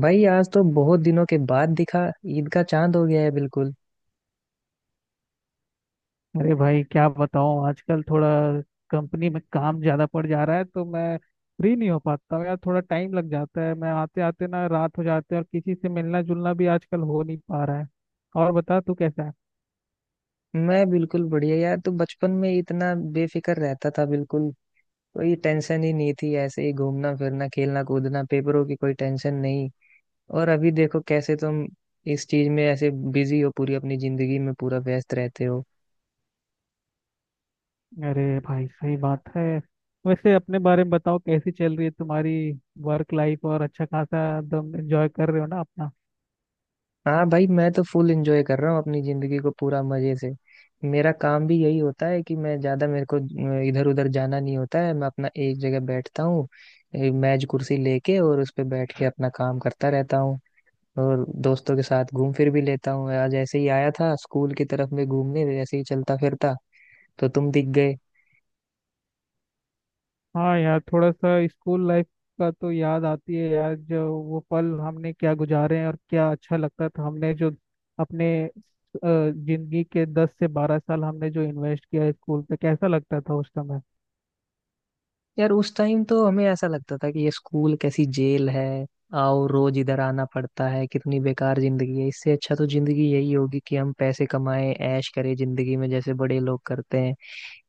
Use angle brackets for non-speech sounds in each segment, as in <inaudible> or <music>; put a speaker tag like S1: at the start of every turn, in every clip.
S1: भाई आज तो बहुत दिनों के बाद दिखा। ईद का चांद हो गया है बिल्कुल।
S2: अरे भाई क्या बताऊं आजकल थोड़ा कंपनी में काम ज्यादा पड़ जा रहा है तो मैं फ्री नहीं हो पाता हूं यार। थोड़ा टाइम लग जाता है, मैं आते आते ना रात हो जाते हैं और किसी से मिलना जुलना भी आजकल हो नहीं पा रहा है। और बता तू कैसा है।
S1: मैं बिल्कुल बढ़िया यार। तू बचपन में इतना बेफिक्र रहता था बिल्कुल। कोई टेंशन ही नहीं थी, ऐसे ही घूमना फिरना खेलना कूदना, पेपरों की कोई टेंशन नहीं। और अभी देखो कैसे तुम इस चीज में ऐसे बिजी हो, पूरी अपनी जिंदगी में पूरा व्यस्त रहते हो।
S2: अरे भाई सही बात है। वैसे अपने बारे में बताओ कैसी चल रही है तुम्हारी वर्क लाइफ, और अच्छा खासा एकदम एंजॉय कर रहे हो ना अपना।
S1: हाँ भाई, मैं तो फुल एंजॉय कर रहा हूँ अपनी जिंदगी को, पूरा मजे से। मेरा काम भी यही होता है कि मैं ज्यादा मेरे को इधर उधर जाना नहीं होता है, मैं अपना एक जगह बैठता हूँ, मेज कुर्सी लेके, और उस पे बैठ के अपना काम करता रहता हूँ। और दोस्तों के साथ घूम फिर भी लेता हूँ। आज ऐसे ही आया था स्कूल की तरफ में घूमने, ऐसे ही चलता फिरता, तो तुम दिख गए।
S2: हाँ यार, थोड़ा सा स्कूल लाइफ का तो याद आती है यार, जो वो पल हमने क्या गुजारे हैं और क्या अच्छा लगता था हमने जो अपने जिंदगी के 10 से 12 साल हमने जो इन्वेस्ट किया है स्कूल पे। कैसा लगता था उस समय।
S1: यार उस टाइम तो हमें ऐसा लगता था कि ये स्कूल कैसी जेल है। आओ, रोज इधर आना पड़ता है, कितनी बेकार जिंदगी है, इससे अच्छा तो जिंदगी यही होगी कि हम पैसे कमाएं, ऐश करें जिंदगी में जैसे बड़े लोग करते हैं।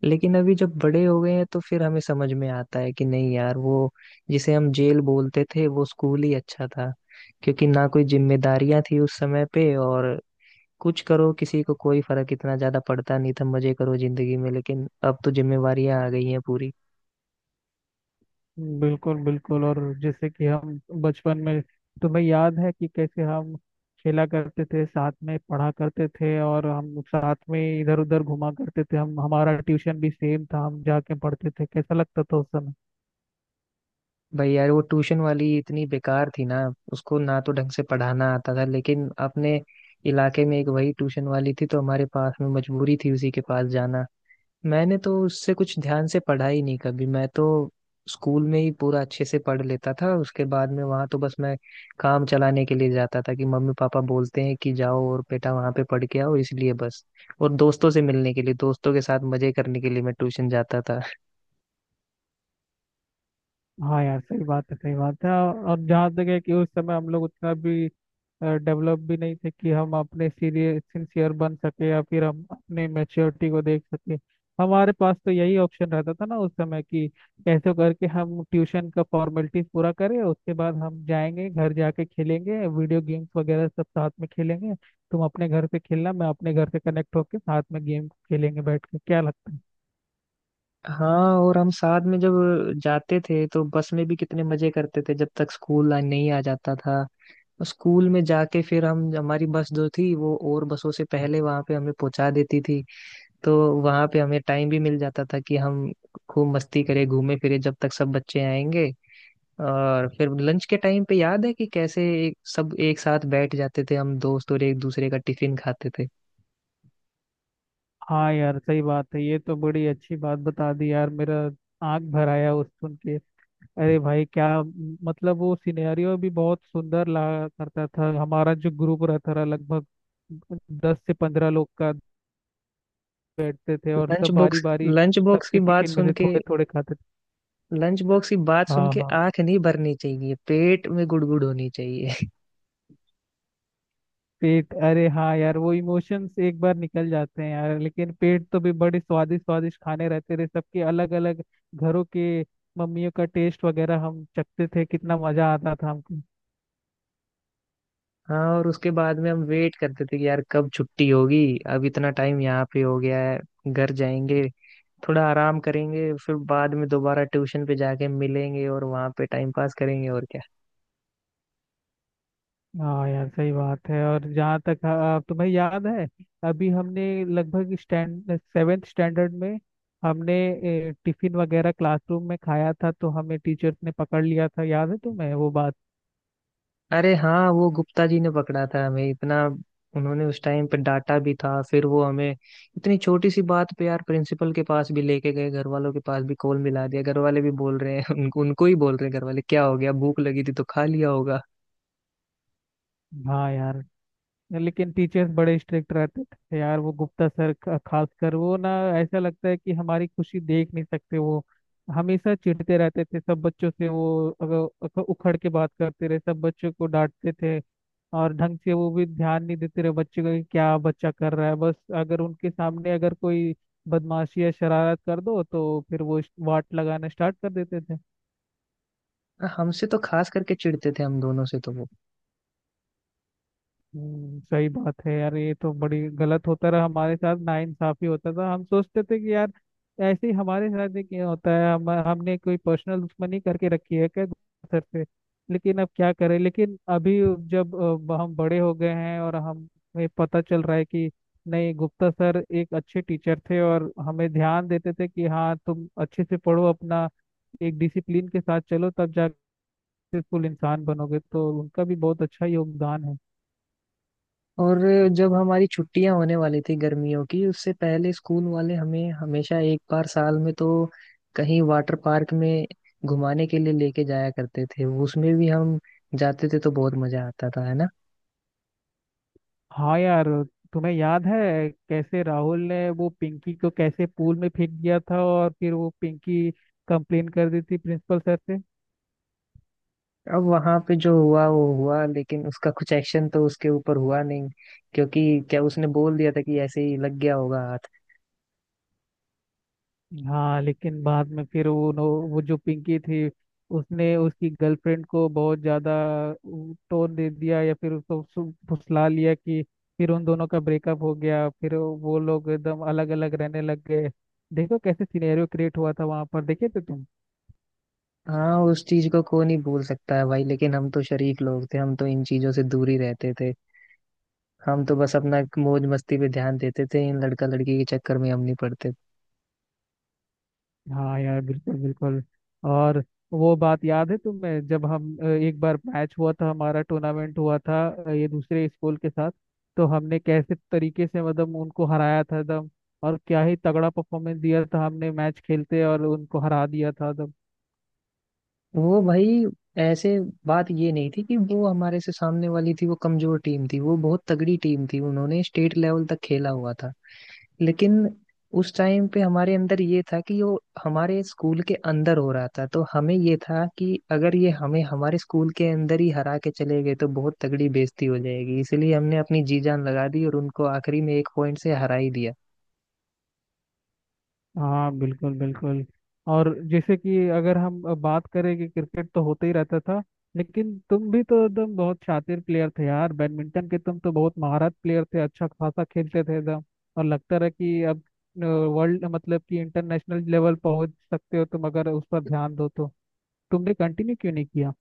S1: लेकिन अभी जब बड़े हो गए हैं तो फिर हमें समझ में आता है कि नहीं यार, वो जिसे हम जेल बोलते थे, वो स्कूल ही अच्छा था। क्योंकि ना कोई जिम्मेदारियां थी उस समय पे, और कुछ करो किसी को कोई फर्क इतना ज्यादा पड़ता नहीं था, मजे करो जिंदगी में। लेकिन अब तो जिम्मेवारियां आ गई हैं पूरी।
S2: बिल्कुल बिल्कुल। और जैसे कि हम बचपन में तुम्हें याद है कि कैसे हम खेला करते थे साथ में, पढ़ा करते थे और हम साथ में इधर उधर घुमा करते थे। हम हमारा ट्यूशन भी सेम था, हम जाके पढ़ते थे। कैसा लगता था उस समय।
S1: भाई यार वो ट्यूशन वाली इतनी बेकार थी ना। उसको ना तो ढंग से पढ़ाना आता था, लेकिन अपने इलाके में एक वही ट्यूशन वाली थी, तो हमारे पास में मजबूरी थी उसी के पास जाना। मैंने तो उससे कुछ ध्यान से पढ़ा ही नहीं कभी, मैं तो स्कूल में ही पूरा अच्छे से पढ़ लेता था। उसके बाद में वहां तो बस मैं काम चलाने के लिए जाता था कि मम्मी पापा बोलते हैं कि जाओ और बेटा वहां पे पढ़ के आओ, इसलिए बस। और दोस्तों से मिलने के लिए, दोस्तों के साथ मजे करने के लिए, मैं ट्यूशन जाता था।
S2: हाँ यार सही बात है सही बात है। और जहाँ तक है कि उस समय हम लोग उतना भी डेवलप भी नहीं थे कि हम अपने सीरियस सिंसियर बन सके या फिर हम अपने मैच्योरिटी को देख सके। हमारे पास तो यही ऑप्शन रहता था ना उस समय कि कैसे करके हम ट्यूशन का फॉर्मेलिटीज पूरा करें, उसके बाद हम जाएंगे घर जाके खेलेंगे वीडियो गेम्स वगैरह सब साथ में खेलेंगे। तुम अपने घर से खेलना, मैं अपने घर से कनेक्ट होके साथ में गेम खेलेंगे बैठ के। क्या लगता है।
S1: हाँ, और हम साथ में जब जाते थे तो बस में भी कितने मजे करते थे, जब तक स्कूल नहीं आ जाता था। और स्कूल में जाके फिर हम, हमारी बस जो थी वो और बसों से पहले वहां पे हमें पहुंचा देती थी। तो वहां पे हमें टाइम भी मिल जाता था कि हम खूब मस्ती करें, घूमे फिरे, जब तक सब बच्चे आएंगे। और फिर लंच के टाइम पे याद है कि कैसे सब एक साथ बैठ जाते थे हम दोस्त, और एक दूसरे का टिफिन खाते थे।
S2: हाँ यार सही बात है। ये तो बड़ी अच्छी बात बता दी यार, मेरा आंख भर आया उस सुन के। अरे भाई क्या मतलब, वो सिनेरियो भी बहुत सुंदर लगा करता था। हमारा जो ग्रुप रहता था लगभग 10 से 15 लोग का, बैठते थे और
S1: लंच
S2: सब बारी
S1: बॉक्स
S2: बारी
S1: लंच बॉक्स की
S2: सबके
S1: बात
S2: टिफिन में
S1: सुन
S2: से
S1: के
S2: थोड़े थोड़े खाते थे।
S1: लंच बॉक्स की बात सुन
S2: हाँ
S1: के
S2: हाँ,
S1: आंख नहीं भरनी चाहिए, पेट में गुड़गुड़ होनी चाहिए। <laughs>
S2: पेट, अरे हाँ यार वो इमोशंस एक बार निकल जाते हैं यार, लेकिन पेट तो भी बड़े स्वादिष्ट स्वादिष्ट खाने रहते थे सबके, अलग अलग घरों के मम्मियों का टेस्ट वगैरह हम चखते थे। कितना मजा आता था हमको।
S1: हाँ, और उसके बाद में हम वेट करते थे कि यार कब छुट्टी होगी, अब इतना टाइम यहाँ पे हो गया है, घर जाएंगे, थोड़ा आराम करेंगे, फिर बाद में दोबारा ट्यूशन पे जाके मिलेंगे और वहाँ पे टाइम पास करेंगे। और
S2: हाँ यार सही बात है। और जहाँ तक तुम्हें याद है, अभी हमने लगभग स्टैंड सेवेंथ स्टैंडर्ड में हमने टिफिन वगैरह क्लासरूम में खाया था तो हमें टीचर ने पकड़ लिया था। याद है तुम्हें वो बात।
S1: अरे हाँ, वो गुप्ता जी ने पकड़ा था हमें। इतना उन्होंने उस टाइम पे डांटा भी था, फिर वो हमें इतनी छोटी सी बात पे यार प्रिंसिपल के पास भी लेके गए, घर वालों के पास भी कॉल मिला दिया। घर वाले भी बोल रहे हैं <laughs> उनको उनको ही बोल रहे हैं घर वाले, क्या हो गया, भूख लगी थी तो खा लिया होगा।
S2: हाँ यार, लेकिन टीचर्स बड़े स्ट्रिक्ट रहते थे यार। वो गुप्ता सर खासकर वो ना, ऐसा लगता है कि हमारी खुशी देख नहीं सकते वो। हमेशा चिढ़ते रहते थे सब बच्चों से वो। अगर अगर उखड़ के बात करते रहे, सब बच्चों को डांटते थे। और ढंग से वो भी ध्यान नहीं देते रहे बच्चे का कि क्या बच्चा कर रहा है, बस अगर उनके सामने अगर कोई बदमाशी या शरारत कर दो तो फिर वो वाट लगाना स्टार्ट कर देते थे।
S1: हमसे तो खास करके चिढ़ते थे, हम दोनों से तो वो।
S2: सही बात है यार, ये तो बड़ी गलत होता रहा हमारे साथ, नाइंसाफी होता था। हम सोचते थे कि यार ऐसे ही हमारे साथ ही क्यों होता है, हम हमने कोई पर्सनल दुश्मनी करके रखी है क्या सर से। लेकिन अब क्या करें। लेकिन अभी जब हम बड़े हो गए हैं और हमें पता चल रहा है कि नहीं, गुप्ता सर एक अच्छे टीचर थे और हमें ध्यान देते थे कि हाँ तुम अच्छे से पढ़ो, अपना एक डिसिप्लिन के साथ चलो तब जाके सक्सेसफुल इंसान बनोगे। तो उनका भी बहुत अच्छा योगदान है।
S1: और जब हमारी छुट्टियां होने वाली थी गर्मियों की, उससे पहले स्कूल वाले हमें हमेशा एक बार साल में तो कहीं वाटर पार्क में घुमाने के लिए लेके जाया करते थे। उसमें भी हम जाते थे तो बहुत मजा आता था, है ना।
S2: हाँ यार, तुम्हें याद है कैसे राहुल ने वो पिंकी को कैसे पूल में फेंक दिया था, और फिर वो पिंकी कंप्लेन कर दी थी प्रिंसिपल सर से।
S1: अब वहां पे जो हुआ वो हुआ, लेकिन उसका कुछ एक्शन तो उसके ऊपर हुआ नहीं, क्योंकि क्या, उसने बोल दिया था कि ऐसे ही लग गया होगा हाथ।
S2: हाँ लेकिन बाद में फिर वो जो पिंकी थी उसने उसकी गर्लफ्रेंड को बहुत ज्यादा टोन दे दिया या फिर उसको फुसला लिया कि फिर उन दोनों का ब्रेकअप हो गया, फिर वो लोग एकदम अलग अलग रहने लग गए। देखो कैसे सिनेरियो क्रिएट हुआ था वहां पर, देखे थे तुम।
S1: हाँ, उस चीज को कोई नहीं भूल सकता है भाई, लेकिन हम तो शरीफ लोग थे, हम तो इन चीजों से दूर ही रहते थे। हम तो बस अपना मौज मस्ती पे ध्यान देते थे, इन लड़का लड़की के चक्कर में हम नहीं पड़ते थे।
S2: हाँ यार बिल्कुल बिल्कुल। और वो बात याद है तुम्हें, जब हम एक बार मैच हुआ था, हमारा टूर्नामेंट हुआ था ये दूसरे स्कूल के साथ। तो हमने कैसे तरीके से मतलब उनको हराया था एकदम, और क्या ही तगड़ा परफॉर्मेंस दिया था हमने मैच खेलते, और उनको हरा दिया था एकदम।
S1: वो भाई, ऐसे बात ये नहीं थी कि वो हमारे से सामने वाली थी, वो कमजोर टीम थी, वो बहुत तगड़ी टीम थी, उन्होंने स्टेट लेवल तक खेला हुआ था। लेकिन उस टाइम पे हमारे अंदर ये था कि वो हमारे स्कूल के अंदर हो रहा था, तो हमें ये था कि अगर ये हमें हमारे स्कूल के अंदर ही हरा के चले गए तो बहुत तगड़ी बेइज्जती हो जाएगी, इसलिए हमने अपनी जी जान लगा दी और उनको आखिरी में एक पॉइंट से हरा ही दिया।
S2: हाँ बिल्कुल बिल्कुल। और जैसे कि अगर हम बात करें कि क्रिकेट तो होता ही रहता था, लेकिन तुम भी तो एकदम बहुत शातिर प्लेयर थे यार बैडमिंटन के। तुम तो बहुत महारत प्लेयर थे, अच्छा खासा खेलते थे एकदम। और लगता रहा कि अब वर्ल्ड मतलब कि इंटरनेशनल लेवल पहुंच सकते हो तुम अगर उस पर ध्यान दो तो। तुमने कंटिन्यू क्यों नहीं किया।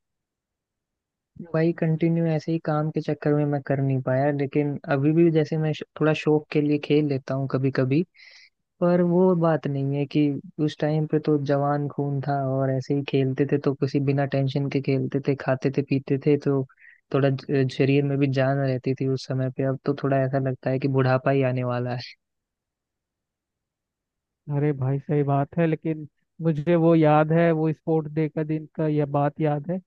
S1: भाई कंटिन्यू ऐसे ही काम के चक्कर में मैं कर नहीं पाया, लेकिन अभी भी जैसे मैं थोड़ा शौक के लिए खेल लेता हूँ कभी कभी। पर वो बात नहीं है कि, उस टाइम पे तो जवान खून था और ऐसे ही खेलते थे, तो किसी बिना टेंशन के खेलते थे खाते थे पीते थे, तो थोड़ा शरीर में भी जान रहती थी उस समय पे। अब तो थोड़ा ऐसा लगता है कि बुढ़ापा ही आने वाला है।
S2: अरे भाई सही बात है, लेकिन मुझे वो याद है, वो स्पोर्ट्स डे का दिन का यह बात याद है।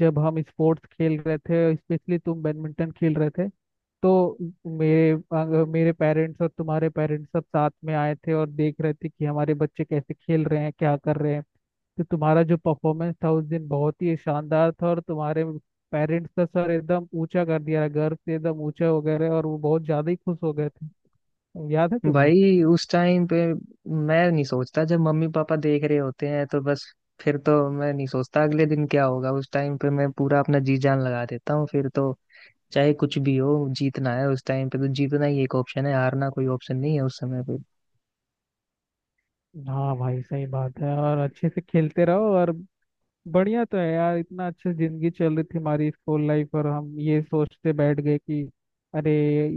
S2: जब हम स्पोर्ट्स खेल रहे थे, स्पेशली तुम बैडमिंटन खेल रहे थे, तो मेरे मेरे पेरेंट्स और तुम्हारे पेरेंट्स सब साथ में आए थे और देख रहे थे कि हमारे बच्चे कैसे खेल रहे हैं क्या कर रहे हैं। तो तुम्हारा जो परफॉर्मेंस था उस दिन बहुत ही शानदार था, और तुम्हारे पेरेंट्स का सर एकदम ऊंचा कर दिया, गर्व से एकदम ऊंचा हो गए रहे और वो बहुत ज्यादा ही खुश हो गए थे। याद है तुम्हें।
S1: भाई उस टाइम पे, मैं नहीं सोचता, जब मम्मी पापा देख रहे होते हैं तो बस, फिर तो मैं नहीं सोचता अगले दिन क्या होगा। उस टाइम पे मैं पूरा अपना जी जान लगा देता हूँ फिर तो, चाहे कुछ भी हो जीतना है। उस टाइम पे तो जीतना ही एक ऑप्शन है, हारना कोई ऑप्शन नहीं है उस समय पे।
S2: हाँ भाई सही बात है। और अच्छे से खेलते रहो। और बढ़िया तो है यार, इतना अच्छे जिंदगी चल रही थी हमारी स्कूल लाइफ, और हम ये सोचते बैठ गए कि अरे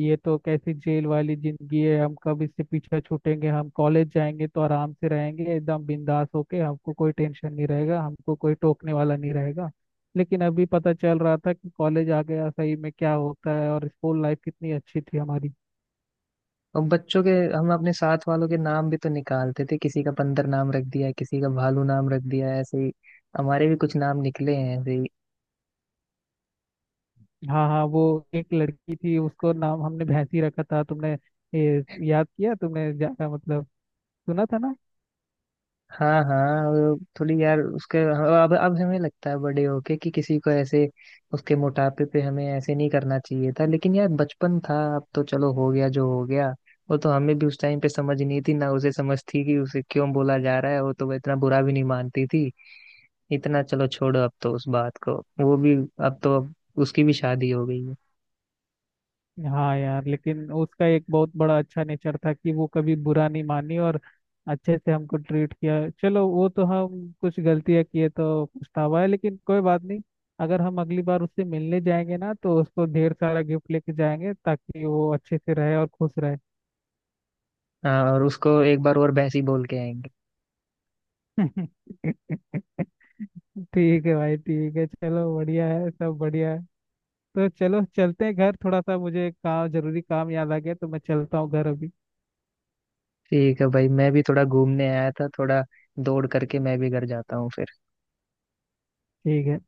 S2: ये तो कैसी जेल वाली जिंदगी है, हम कब इससे पीछे छूटेंगे। हम कॉलेज जाएंगे तो आराम से रहेंगे एकदम बिंदास होके, हमको कोई टेंशन नहीं रहेगा, हमको कोई टोकने वाला नहीं रहेगा। लेकिन अभी पता चल रहा था कि कॉलेज आ गया सही में क्या होता है और स्कूल लाइफ कितनी अच्छी थी हमारी।
S1: और बच्चों के, हम अपने साथ वालों के नाम भी तो निकालते थे, किसी का बंदर नाम रख दिया, किसी का भालू नाम रख दिया ऐसे ही, हमारे भी कुछ नाम निकले हैं ऐसे ही।
S2: हाँ हाँ, वो एक लड़की थी उसको नाम हमने भैंसी रखा था। तुमने ये याद किया तुमने, ज्यादा मतलब सुना था ना।
S1: हाँ हाँ, वो थोड़ी यार, उसके अब हमें लगता है बड़े होके कि किसी को ऐसे उसके मोटापे पे हमें ऐसे नहीं करना चाहिए था, लेकिन यार बचपन था, अब तो चलो, हो गया जो हो गया। वो तो हमें भी उस टाइम पे समझ नहीं थी, ना उसे समझ थी कि उसे क्यों बोला जा रहा है, वो तो वो इतना बुरा भी नहीं मानती थी। इतना, चलो छोड़ो अब तो उस बात को, वो भी, अब तो, अब उसकी भी शादी हो गई है।
S2: हाँ यार, लेकिन उसका एक बहुत बड़ा अच्छा नेचर था कि वो कभी बुरा नहीं मानी और अच्छे से हमको ट्रीट किया। चलो, वो तो हम कुछ गलतियां किए तो पछतावा है लेकिन कोई बात नहीं। अगर हम अगली बार उससे मिलने जाएंगे ना तो उसको ढेर सारा गिफ्ट लेके जाएंगे ताकि वो अच्छे से रहे और खुश रहे।
S1: हाँ, और उसको एक बार और भैंसी बोल के आएंगे।
S2: <laughs> ठीक है भाई ठीक है। चलो बढ़िया है, सब बढ़िया है। तो चलो चलते हैं घर, थोड़ा सा मुझे काम, जरूरी काम याद आ गया तो मैं चलता हूँ घर अभी।
S1: ठीक है भाई, मैं भी थोड़ा घूमने आया था, थोड़ा दौड़ करके मैं भी घर जाता हूँ फिर।
S2: ठीक है।